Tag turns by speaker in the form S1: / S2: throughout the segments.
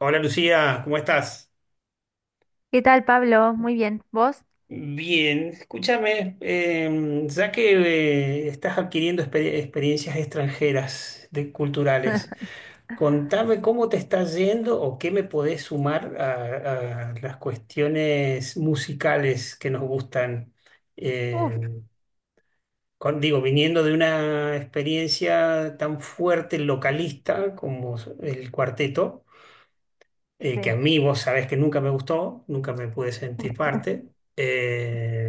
S1: Hola Lucía, ¿cómo estás?
S2: ¿Qué tal, Pablo? Muy bien. ¿Vos?
S1: Bien, escúchame, ya que estás adquiriendo experiencias extranjeras de, culturales, contame cómo te está yendo o qué me podés sumar a las cuestiones musicales que nos gustan. Eh,
S2: Uf,
S1: Digo, viniendo de una experiencia tan fuerte localista como el cuarteto. Que a
S2: sí.
S1: mí vos sabés que nunca me gustó, nunca me pude sentir parte.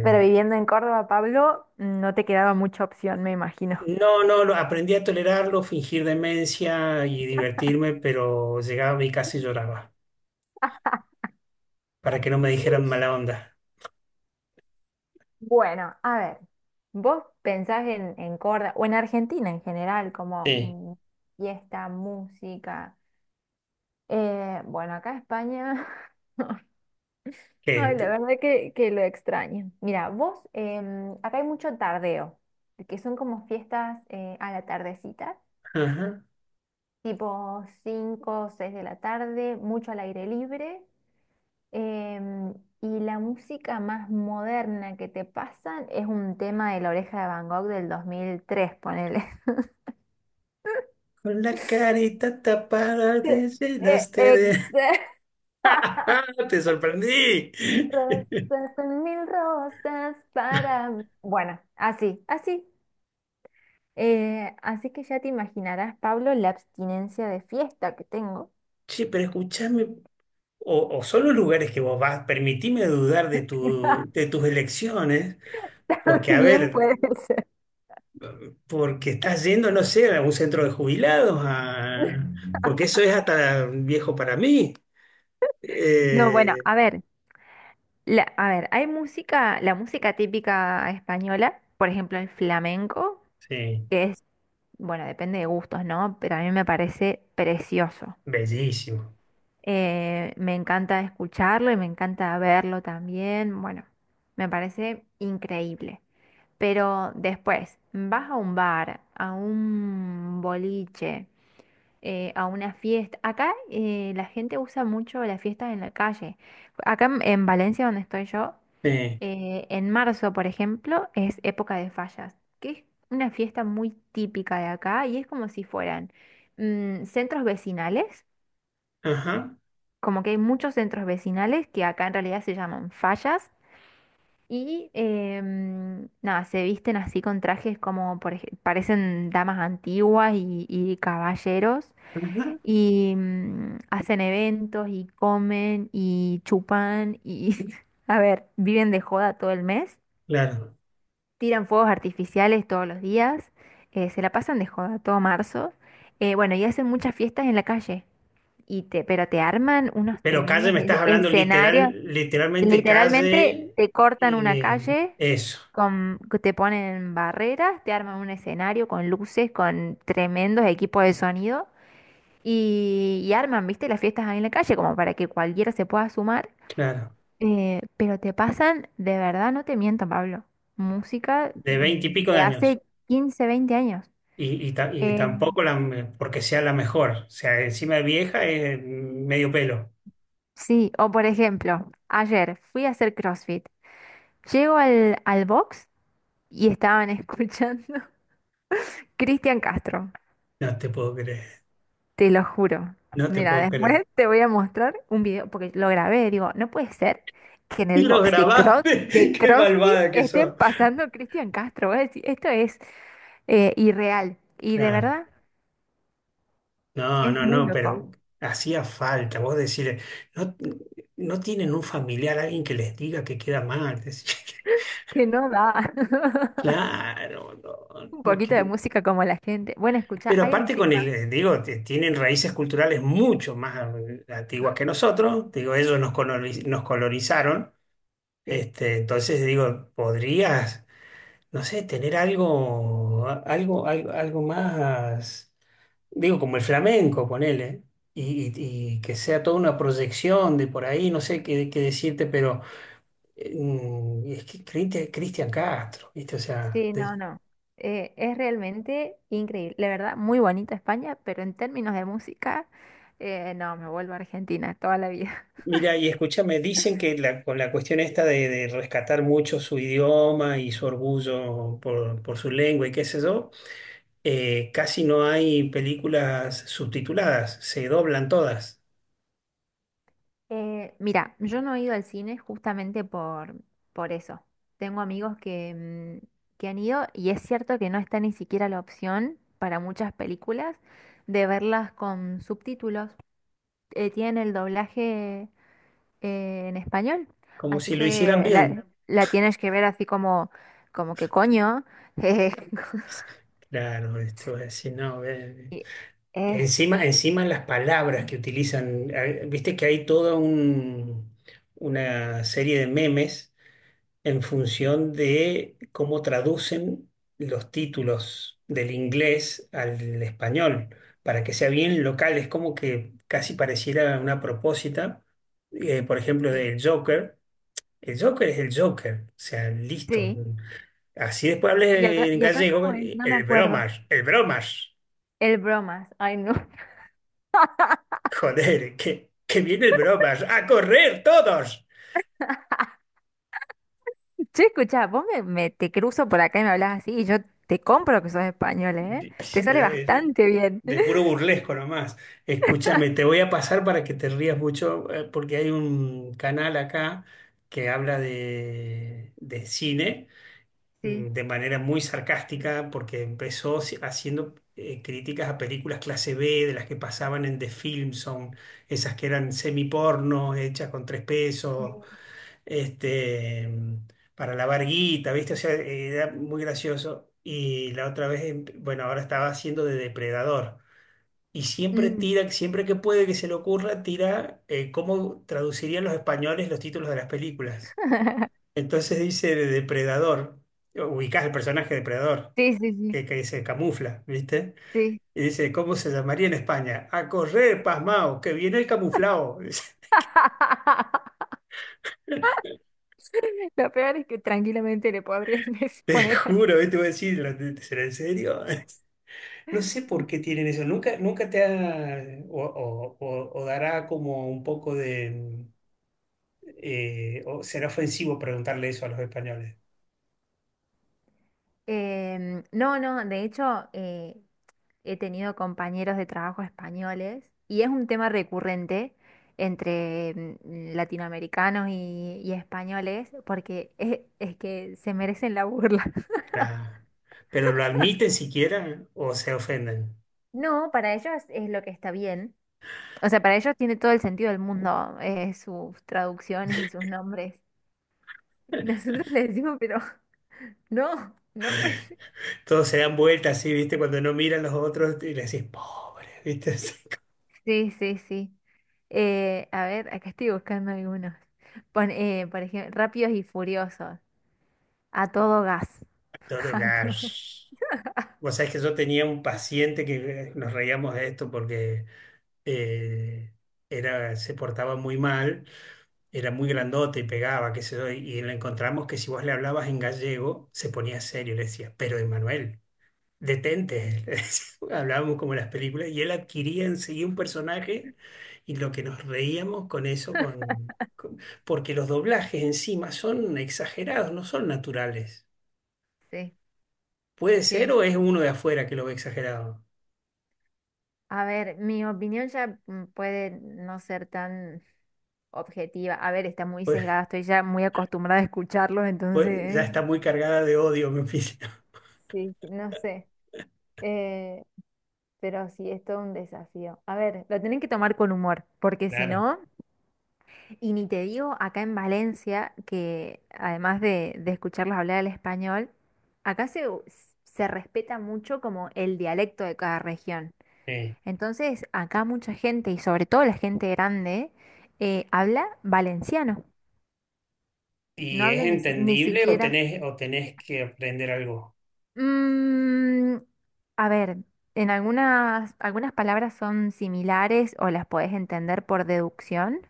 S2: Pero viviendo en Córdoba, Pablo, no te quedaba mucha opción, me imagino.
S1: no, no, aprendí a tolerarlo, fingir demencia y divertirme, pero llegaba a mí y casi lloraba, para que no me dijeran mala onda.
S2: Bueno, a ver, vos pensás en Córdoba o en Argentina en general, como
S1: Sí.
S2: fiesta, música. Bueno, acá España.
S1: Que,
S2: Ay, la
S1: de-
S2: verdad que lo extraño. Mira, vos, acá hay mucho tardeo, que son como fiestas a la tardecita.
S1: ajá.
S2: Tipo 5 o 6 de la tarde, mucho al aire libre. em, y la música más moderna que te pasan es un tema de La Oreja de Van Gogh del 2003, ponele.
S1: Con la carita tapada
S2: Sí,
S1: te
S2: eh,
S1: llenaste
S2: eh,
S1: de... ¡Te sorprendí!
S2: Rosas, son mil rosas para mí. Bueno, así, así. Así que ya te imaginarás, Pablo, la abstinencia de fiesta que tengo.
S1: Sí, pero escúchame, o son los lugares que vos vas, permitime dudar de, tu, de tus elecciones, porque a
S2: Bien
S1: ver,
S2: puede ser.
S1: porque estás yendo, no sé, a un centro de jubilados, a- porque eso es hasta viejo para mí.
S2: No, bueno,
S1: Eh,
S2: a ver, a ver, hay música, la música típica española, por ejemplo el flamenco,
S1: sí,
S2: que es, bueno, depende de gustos, ¿no? Pero a mí me parece precioso.
S1: bellísimo.
S2: Me encanta escucharlo y me encanta verlo también. Bueno, me parece increíble. Pero después, vas a un bar, a un boliche, a una fiesta. Acá la gente usa mucho las fiestas en la calle. Acá en Valencia, donde estoy yo.
S1: Eh,
S2: En marzo, por ejemplo, es época de fallas, que es una fiesta muy típica de acá y es como si fueran centros vecinales,
S1: ajá,
S2: como que hay muchos centros vecinales que acá en realidad se llaman fallas y nada, se visten así con trajes como parecen damas antiguas y caballeros
S1: ajá,
S2: y hacen eventos y comen y chupan y a ver, viven de joda todo el mes.
S1: claro.
S2: Tiran fuegos artificiales todos los días, se la pasan de joda todo marzo. Bueno y hacen muchas fiestas en la calle, pero te arman unos
S1: Pero calle,
S2: tremendos
S1: me estás hablando
S2: escenarios,
S1: literalmente
S2: literalmente
S1: calle,
S2: te cortan una
S1: eh,
S2: calle,
S1: eso,
S2: te ponen barreras, te arman un escenario con luces, con tremendos equipos de sonido, y arman, viste, las fiestas ahí en la calle, como para que cualquiera se pueda sumar.
S1: claro,
S2: Pero te pasan, de verdad, no te miento, Pablo, música
S1: de veinte y pico de
S2: de
S1: años.
S2: hace 15, 20 años.
S1: Y, y
S2: Eh,
S1: tampoco la, porque sea la mejor. O sea, encima de vieja es medio pelo.
S2: sí, o por ejemplo, ayer fui a hacer CrossFit. Llego al box y estaban escuchando Cristian Castro,
S1: No te puedo creer,
S2: te lo juro.
S1: no te
S2: Mira,
S1: puedo creer.
S2: después te voy a mostrar un video, porque lo grabé, digo, no puede ser que en
S1: Y
S2: el
S1: los
S2: box de, Cross,
S1: grabaste.
S2: de
S1: Qué
S2: CrossFit
S1: malvada que
S2: estén
S1: sos.
S2: pasando Cristian Castro. Voy a decir, esto es irreal y de
S1: Claro.
S2: verdad
S1: No,
S2: es
S1: no,
S2: muy
S1: no,
S2: loco.
S1: pero hacía falta. Vos decirle, no, no tienen un familiar, alguien que les diga que queda mal. Decís,
S2: Que no da.
S1: claro,
S2: Un
S1: no,
S2: poquito de
S1: que-
S2: música como la gente. Bueno, escucha,
S1: pero
S2: hay un
S1: aparte con
S2: tema.
S1: el, digo, tienen raíces culturales mucho más antiguas que nosotros. Digo, ellos nos colonizaron.
S2: Sí,
S1: Este, entonces digo, podrías, no sé, tener algo, algo, algo, algo más. Digo, como el flamenco, ponele, y, y que sea toda una proyección de por ahí, no sé qué, qué decirte, pero es que Cristian Castro, ¿viste? O sea,
S2: sí, no,
S1: de-
S2: no. Es realmente increíble. La verdad, muy bonita España, pero en términos de música, no, me vuelvo a Argentina toda la vida.
S1: mira, y escúchame, dicen que la- con la cuestión esta de rescatar mucho su idioma y su orgullo por su lengua y qué sé yo, casi no hay películas subtituladas, se doblan todas,
S2: Mira, yo no he ido al cine justamente por eso. Tengo amigos que han ido y es cierto que no está ni siquiera la opción para muchas películas de verlas con subtítulos. Tienen el doblaje en español.
S1: como
S2: Así
S1: si lo hicieran
S2: que
S1: bien.
S2: la tienes que ver así como, como que coño. eh,
S1: Claro, esto es, si no, ve.
S2: y es,
S1: Encima, encima las palabras que utilizan, viste que hay toda una serie de memes en función de cómo traducen los títulos del inglés al español, para que sea bien local. Es como que casi pareciera una propósita, por ejemplo,
S2: sí,
S1: del Joker. El Joker es el Joker, o sea, listo.
S2: sí.
S1: Así después
S2: Y acá,
S1: hables en
S2: y acá
S1: gallego,
S2: como es, no me
S1: el
S2: acuerdo.
S1: bromas, el bromas.
S2: El bromas, ay no.
S1: Joder, que viene el bromas. ¡A correr todos!
S2: Che, escucha, vos te cruzo por acá y me hablas así y yo te compro que sos español, ¿eh?
S1: De-
S2: Te sale
S1: pero
S2: bastante bien.
S1: de puro burlesco nomás. Escúchame, te voy a pasar para que te rías mucho, porque hay un canal acá que habla de cine
S2: Sí,
S1: mm, de manera muy sarcástica, porque empezó haciendo críticas a películas clase B, de las que pasaban en The Film Zone, esas que eran semiporno, hechas con tres pesos
S2: sí.
S1: este, mm, para lavar guita, ¿viste? O sea, era muy gracioso. Y la otra vez, bueno, ahora estaba haciendo de depredador. Y siempre
S2: Mm.
S1: tira, siempre que puede que se le ocurra, tira cómo traducirían los españoles los títulos de las películas. Entonces dice de depredador, ubicás el personaje depredador,
S2: Sí, sí, sí,
S1: que se camufla, ¿viste?
S2: sí.
S1: Y dice, ¿cómo se llamaría en España? A correr, pasmao, que viene el camuflao.
S2: Lo peor es que tranquilamente le podrían
S1: Te
S2: poner así.
S1: juro, ¿viste? Voy a decir, ¿será ¿en serio? No sé por qué tienen eso. Nunca, nunca te ha, o dará como un poco de, o será ofensivo preguntarle eso a los españoles.
S2: No, no, de hecho eh, he tenido compañeros de trabajo españoles y es un tema recurrente entre latinoamericanos y españoles porque es que se merecen la burla.
S1: La- pero lo admiten siquiera o se ofenden.
S2: No, para ellos es lo que está bien. O sea, para ellos tiene todo el sentido del mundo sus traducciones y sus nombres. Y nosotros les decimos, pero no, no, pues
S1: Todos se dan vueltas así, ¿viste? Cuando no miran los otros y le decís, pobre, ¿viste?
S2: sí, sí, sí. A ver, acá estoy buscando algunos. Por ejemplo, Rápidos y Furiosos. A todo gas.
S1: Todo
S2: A todo.
S1: gas. Vos sabés que yo tenía un paciente que nos reíamos de esto porque eh, era, se portaba muy mal, era muy grandote y pegaba, qué sé yo, y le encontramos que si vos le hablabas en gallego, se ponía serio y le decía, pero Emanuel, detente. Le decía. Hablábamos como en las películas y él adquiría enseguida un personaje y lo que nos reíamos con eso, porque los doblajes encima son exagerados, no son naturales.
S2: Sí,
S1: Puede ser
S2: sí,
S1: o
S2: sí.
S1: es uno de afuera que lo ve exagerado.
S2: A ver, mi opinión ya puede no ser tan objetiva. A ver, está muy
S1: Pues,
S2: sesgada. Estoy ya muy acostumbrada a escucharlos,
S1: pues, ya
S2: entonces,
S1: está muy cargada de odio me oficio.
S2: sí, sí, no sé. Eh, pero sí, es todo un desafío. A ver, lo tienen que tomar con humor, porque si
S1: Claro.
S2: no. Y ni te digo acá en Valencia, que además de escucharlos hablar el español, acá se respeta mucho como el dialecto de cada región.
S1: Sí.
S2: Entonces, acá mucha gente, y sobre todo la gente grande, habla valenciano. No
S1: ¿Y es
S2: habla ni
S1: entendible
S2: siquiera.
S1: o tenés que aprender algo?
S2: Mm, a ver, en algunas palabras son similares o las podés entender por deducción,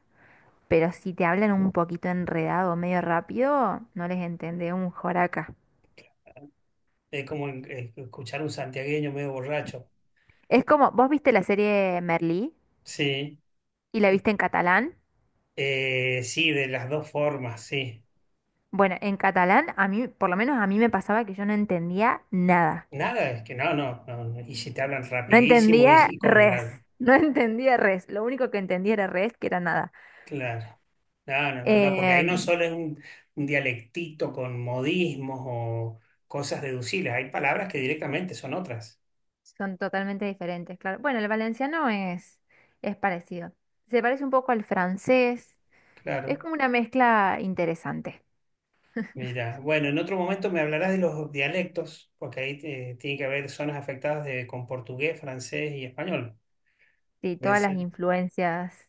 S2: pero si te hablan un poquito enredado, medio rápido, no les entendés un joraca.
S1: Es como escuchar un santiagueño medio borracho.
S2: Es como, vos viste la serie Merlí
S1: Sí.
S2: y la
S1: Que-
S2: viste en catalán.
S1: sí, de las dos formas, sí.
S2: Bueno, en catalán, a mí, por lo menos a mí me pasaba que yo no entendía nada.
S1: Nada, es que no, no, no, no. Y si te hablan
S2: No
S1: rapidísimo
S2: entendía
S1: y con
S2: res.
S1: la...
S2: No entendía res. Lo único que entendía era res, que era nada.
S1: Claro. No, no, no, no, porque ahí no
S2: Em,
S1: solo es un dialectito con modismos o cosas deducibles, hay palabras que directamente son otras.
S2: Son totalmente diferentes, claro. Bueno, el valenciano es parecido. Se parece un poco al francés. Es
S1: Claro.
S2: como una mezcla interesante.
S1: Mira, bueno, en otro momento me hablarás de los dialectos, porque ahí tiene que haber zonas afectadas de, con portugués, francés y español.
S2: Sí, todas las influencias.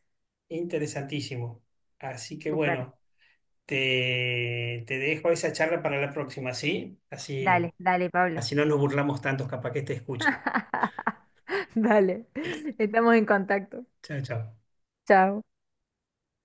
S1: Interesantísimo. Así que
S2: Súper.
S1: bueno, te dejo esa charla para la próxima, ¿sí? Así,
S2: Dale, dale, Pablo.
S1: así no nos burlamos tantos, capaz que te escuchan.
S2: Dale. Estamos en contacto.
S1: Chao, chao.
S2: Chao.